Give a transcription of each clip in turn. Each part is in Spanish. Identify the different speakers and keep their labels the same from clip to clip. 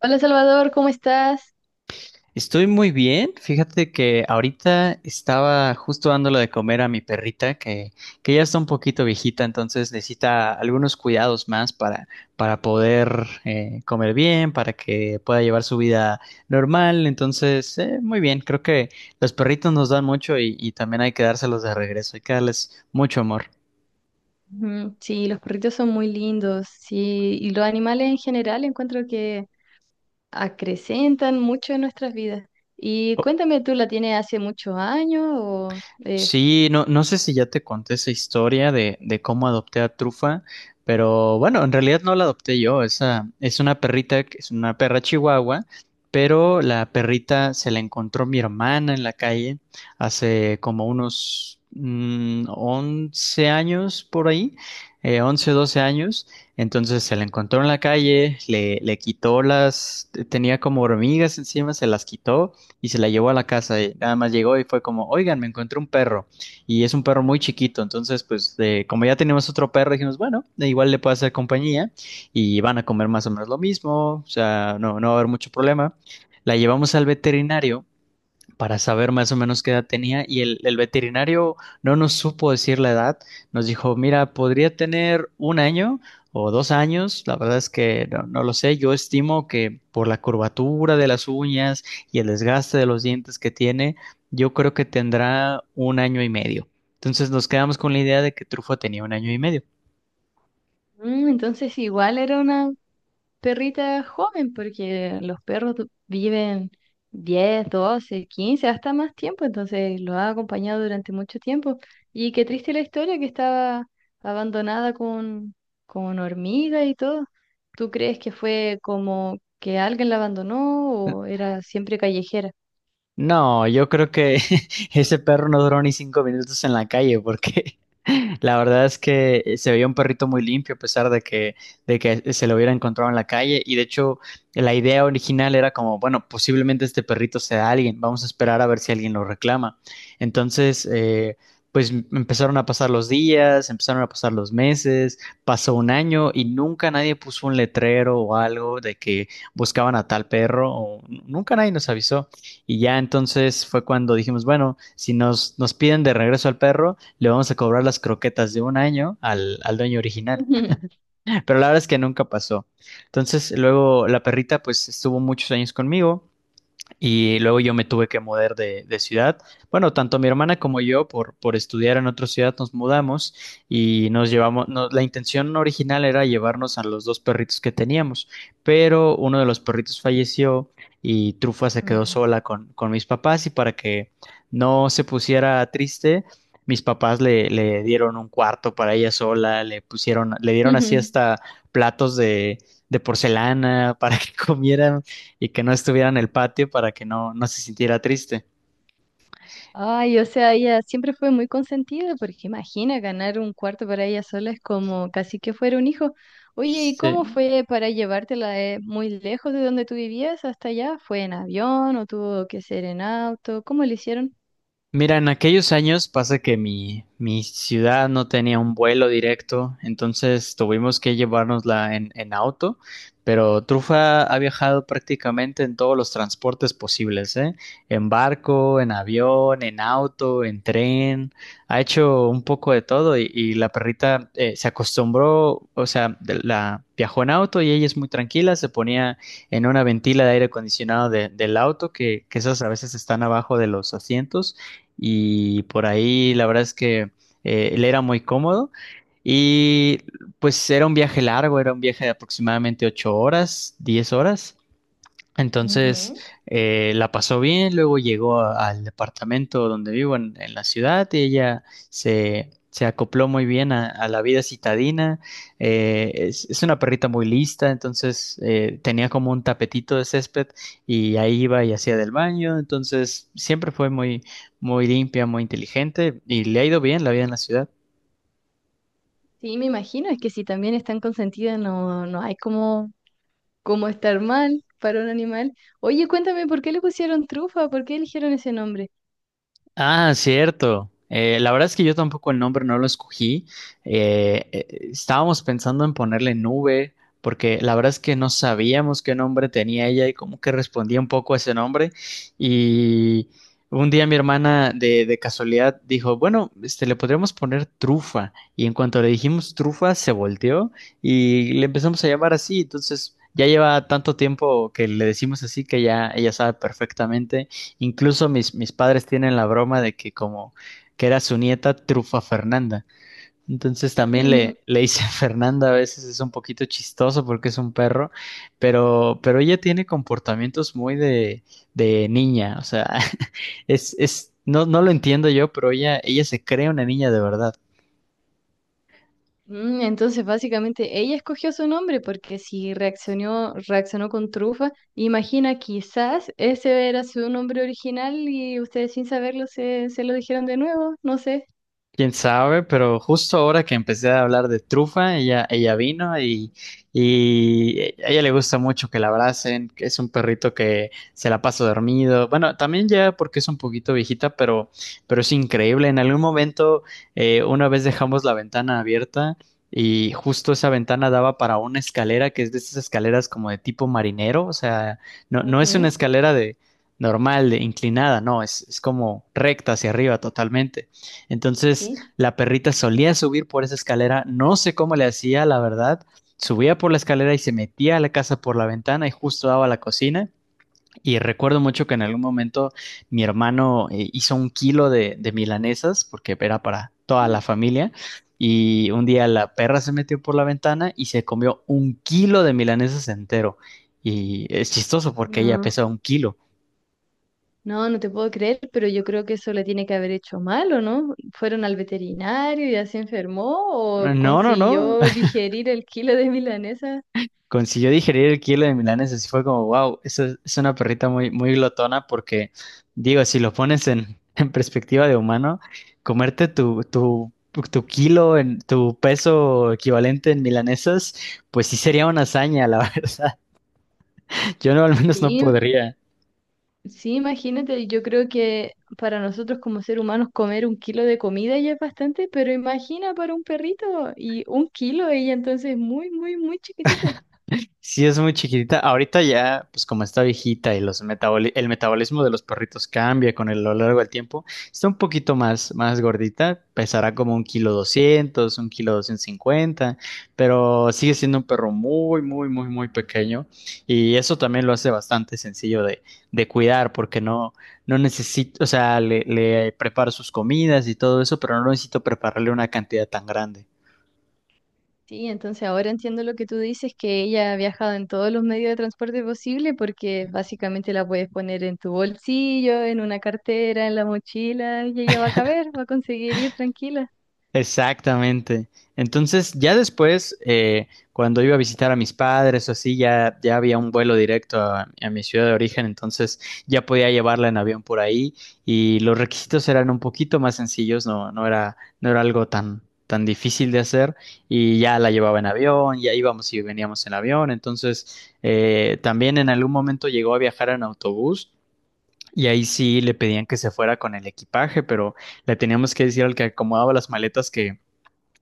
Speaker 1: Hola Salvador, ¿cómo estás?
Speaker 2: Estoy muy bien. Fíjate que ahorita estaba justo dándole de comer a mi perrita, que ya está un poquito viejita, entonces necesita algunos cuidados más para poder comer bien, para que pueda llevar su vida normal. Entonces, muy bien. Creo que los perritos nos dan mucho y también hay que dárselos de regreso, hay que darles mucho amor.
Speaker 1: Ujú, sí, los perritos son muy lindos, sí, y los animales en general encuentro que acrecentan mucho en nuestras vidas. Y cuéntame, ¿tú la tienes hace muchos años? O, eh,
Speaker 2: Sí, no, no sé si ya te conté esa historia de cómo adopté a Trufa, pero bueno, en realidad no la adopté yo, esa es una perrita, que es una perra chihuahua, pero la perrita se la encontró mi hermana en la calle hace como unos 11 años por ahí, 11, 12 años. Entonces se la encontró en la calle, le quitó las, tenía como hormigas encima, se las quitó y se la llevó a la casa. Y nada más llegó y fue como, oigan, me encontré un perro. Y es un perro muy chiquito. Entonces, pues, como ya tenemos otro perro, dijimos, bueno, igual le puedo hacer compañía y van a comer más o menos lo mismo. O sea, no, no va a haber mucho problema. La llevamos al veterinario para saber más o menos qué edad tenía y el veterinario no nos supo decir la edad, nos dijo, mira, podría tener un año o 2 años, la verdad es que no, no lo sé, yo estimo que por la curvatura de las uñas y el desgaste de los dientes que tiene, yo creo que tendrá un año y medio. Entonces nos quedamos con la idea de que Trufo tenía un año y medio.
Speaker 1: entonces igual era una perrita joven, porque los perros viven 10 12 15 hasta más tiempo, entonces lo ha acompañado durante mucho tiempo. Y qué triste la historia que estaba abandonada con hormigas y todo. ¿Tú crees que fue como que alguien la abandonó o era siempre callejera?
Speaker 2: No, yo creo que ese perro no duró ni 5 minutos en la calle porque la verdad es que se veía un perrito muy limpio a pesar de que se lo hubiera encontrado en la calle. Y de hecho la idea original era como, bueno, posiblemente este perrito sea alguien, vamos a esperar a ver si alguien lo reclama. Entonces, pues empezaron a pasar los días, empezaron a pasar los meses, pasó un año y nunca nadie puso un letrero o algo de que buscaban a tal perro o nunca nadie nos avisó. Y ya entonces fue cuando dijimos, bueno, si nos piden de regreso al perro, le vamos a cobrar las croquetas de un año al dueño original. Pero la verdad es que nunca pasó. Entonces luego la perrita pues estuvo muchos años conmigo y luego yo me tuve que mudar de ciudad. Bueno, tanto mi hermana como yo, por estudiar en otra ciudad, nos mudamos y nos llevamos. La intención original era llevarnos a los dos perritos que teníamos, pero uno de los perritos falleció y Trufa se quedó
Speaker 1: Mm.
Speaker 2: sola con mis papás. Y para que no se pusiera triste, mis papás le dieron un cuarto para ella sola, le pusieron, le dieron así hasta platos de porcelana para que comiera y que no estuviera en el patio para que no, no se sintiera triste.
Speaker 1: Ay, o sea, ella siempre fue muy consentida, porque imagina ganar un cuarto para ella sola es como casi que fuera un hijo. Oye, ¿y cómo
Speaker 2: Sí,
Speaker 1: fue para llevártela muy lejos de donde tú vivías hasta allá? ¿Fue en avión o tuvo que ser en auto? ¿Cómo lo hicieron?
Speaker 2: mira, en aquellos años pasa que mi ciudad no tenía un vuelo directo, entonces tuvimos que llevárnosla en auto, pero Trufa ha viajado prácticamente en todos los transportes posibles, ¿eh? En barco, en avión, en auto, en tren, ha hecho un poco de todo y la perrita se acostumbró, o sea, la viajó en auto y ella es muy tranquila, se ponía en una ventila de aire acondicionado del auto, que esas a veces están abajo de los asientos y por ahí la verdad es que él era muy cómodo y pues era un viaje largo, era un viaje de aproximadamente 8 horas, 10 horas. Entonces
Speaker 1: Ujú.
Speaker 2: la pasó bien, luego llegó al departamento donde vivo en la ciudad y ella se acopló muy bien a la vida citadina. Es una perrita muy lista, entonces tenía como un tapetito de césped y ahí iba y hacía del baño, entonces siempre fue muy, muy limpia, muy inteligente y le ha ido bien la vida en la ciudad.
Speaker 1: Sí, me imagino, es que si también están consentidas no, no hay como estar mal para un animal. Oye, cuéntame, ¿por qué le pusieron trufa? ¿Por qué eligieron ese nombre?
Speaker 2: Ah, cierto. La verdad es que yo tampoco el nombre no lo escogí. Eh, eh, Estábamos pensando en ponerle nube, porque la verdad es que no sabíamos qué nombre tenía ella y como que respondía un poco a ese nombre. Y un día mi hermana de casualidad dijo, bueno, este, le podríamos poner trufa. Y en cuanto le dijimos trufa, se volteó y le empezamos a llamar así. Entonces ya lleva tanto tiempo que le decimos así que ya ella sabe perfectamente. Incluso mis padres tienen la broma de que como que era su nieta Trufa Fernanda. Entonces también le, le hice Fernanda, a veces es un poquito chistoso porque es un perro, pero ella tiene comportamientos muy de niña, o sea, es, no, no lo entiendo yo, pero ella se cree una niña de verdad.
Speaker 1: Mm, entonces, básicamente, ella escogió su nombre porque si reaccionó, reaccionó con trufa, imagina, quizás ese era su nombre original y ustedes sin saberlo se lo dijeron de nuevo, no sé.
Speaker 2: Quién sabe, pero justo ahora que empecé a hablar de trufa, ella vino y a ella le gusta mucho que la abracen, que es un perrito que se la pasa dormido. Bueno, también ya porque es un poquito viejita, pero es increíble. En algún momento, una vez dejamos la ventana abierta y justo esa ventana daba para una escalera que es de esas escaleras como de tipo marinero, o sea, no, no es una
Speaker 1: Ujú,
Speaker 2: escalera de normal, de inclinada, no, es como recta hacia arriba totalmente. Entonces,
Speaker 1: sí.
Speaker 2: la perrita solía subir por esa escalera, no sé cómo le hacía, la verdad. Subía por la escalera y se metía a la casa por la ventana y justo daba a la cocina. Y recuerdo mucho que en algún momento mi hermano hizo 1 kilo de milanesas, porque era para toda la
Speaker 1: Mm.
Speaker 2: familia. Y un día la perra se metió por la ventana y se comió 1 kilo de milanesas entero. Y es chistoso porque ella
Speaker 1: No,
Speaker 2: pesa 1 kilo.
Speaker 1: no, no te puedo creer, pero yo creo que eso le tiene que haber hecho mal, ¿o no? ¿Fueron al veterinario y ya se enfermó o
Speaker 2: No, no, no.
Speaker 1: consiguió digerir el kilo de milanesa?
Speaker 2: Consiguió digerir el kilo de milanesa, así fue como, wow, eso es una perrita muy, muy glotona porque, digo, si lo pones en, en perspectiva de humano, comerte tu, tu kilo, en, tu peso equivalente en milanesas, pues sí sería una hazaña, la verdad. Yo no, al menos no
Speaker 1: Sí,
Speaker 2: podría.
Speaker 1: sí, imagínate, yo creo que para nosotros como seres humanos comer un kilo de comida ya es bastante, pero imagina para un perrito y un kilo ella entonces es muy, muy, muy chiquitita.
Speaker 2: Sí, es muy chiquitita. Ahorita ya, pues como está viejita y los el metabolismo de los perritos cambia a lo largo del tiempo, está un poquito más gordita, pesará como un kilo doscientos cincuenta, pero sigue siendo un perro muy, muy, muy, muy pequeño y eso también lo hace bastante sencillo de cuidar porque no, no necesito, o sea, le preparo sus comidas y todo eso, pero no necesito prepararle una cantidad tan grande.
Speaker 1: Sí, entonces ahora entiendo lo que tú dices, que ella ha viajado en todos los medios de transporte posible porque básicamente la puedes poner en tu bolsillo, en una cartera, en la mochila y ella va a caber, va a conseguir ir tranquila.
Speaker 2: Exactamente. Entonces, ya después, cuando iba a visitar a mis padres o así, ya había un vuelo directo a mi ciudad de origen, entonces ya podía llevarla en avión por ahí y los requisitos eran un poquito más sencillos, no, no era algo tan difícil de hacer y ya la llevaba en avión, ya íbamos y veníamos en avión, entonces también en algún momento llegó a viajar en autobús. Y ahí sí le pedían que se fuera con el equipaje, pero le teníamos que decir al que acomodaba las maletas que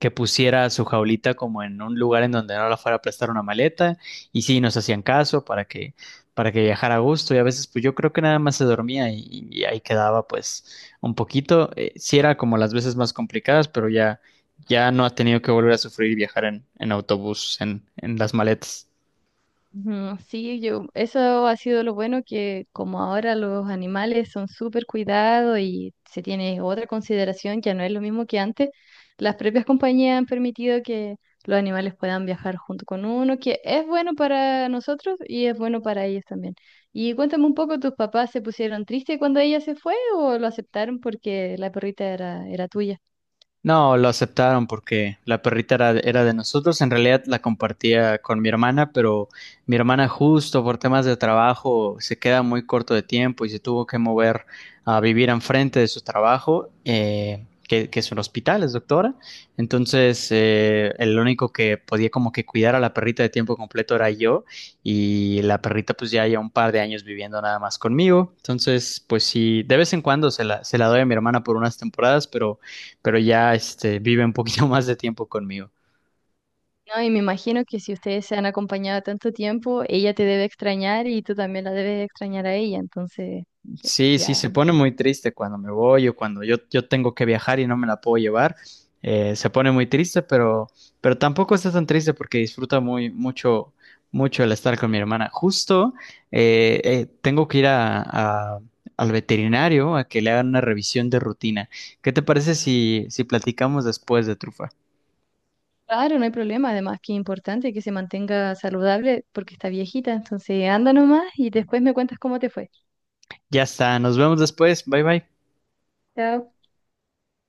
Speaker 2: que pusiera su jaulita como en un lugar en donde no la fuera a prestar una maleta y sí nos hacían caso para que viajara a gusto y a veces pues yo creo que nada más se dormía y ahí quedaba pues un poquito. Sí era como las veces más complicadas pero ya no ha tenido que volver a sufrir viajar en autobús en las maletas.
Speaker 1: Ujú, sí, yo, eso ha sido lo bueno que como ahora los animales son súper cuidados y se tiene otra consideración, ya no es lo mismo que antes, las propias compañías han permitido que los animales puedan viajar junto con uno, que es bueno para nosotros y es bueno para ellos también. Y cuéntame un poco, ¿tus papás se pusieron tristes cuando ella se fue o lo aceptaron porque la perrita era tuya?
Speaker 2: No, lo aceptaron porque la perrita era de nosotros. En realidad la compartía con mi hermana, pero mi hermana justo por temas de trabajo se queda muy corto de tiempo y se tuvo que mover a vivir enfrente de su trabajo, que es un hospital, es doctora. Entonces, el único que podía como que cuidar a la perrita de tiempo completo era yo y la perrita pues ya lleva un par de años viviendo nada más conmigo. Entonces, pues sí, de vez en cuando se la doy a mi hermana por unas temporadas, pero ya este, vive un poquito más de tiempo conmigo.
Speaker 1: No, y me imagino que si ustedes se han acompañado tanto tiempo, ella te debe extrañar y tú también la debes extrañar a ella. Entonces, eh,
Speaker 2: Sí, sí,
Speaker 1: ya,
Speaker 2: se pone muy triste cuando me voy o cuando yo tengo que viajar y no me la puedo llevar. Se pone muy triste, pero tampoco está tan triste porque disfruta muy, mucho, mucho el estar con mi hermana. Justo tengo que ir al veterinario a que le hagan una revisión de rutina. ¿Qué te parece si platicamos después de Trufa?
Speaker 1: claro, no hay problema. Además, que es importante que se mantenga saludable porque está viejita. Entonces, anda nomás y después me cuentas cómo te fue.
Speaker 2: Ya está, nos vemos después. Bye bye.
Speaker 1: Chao.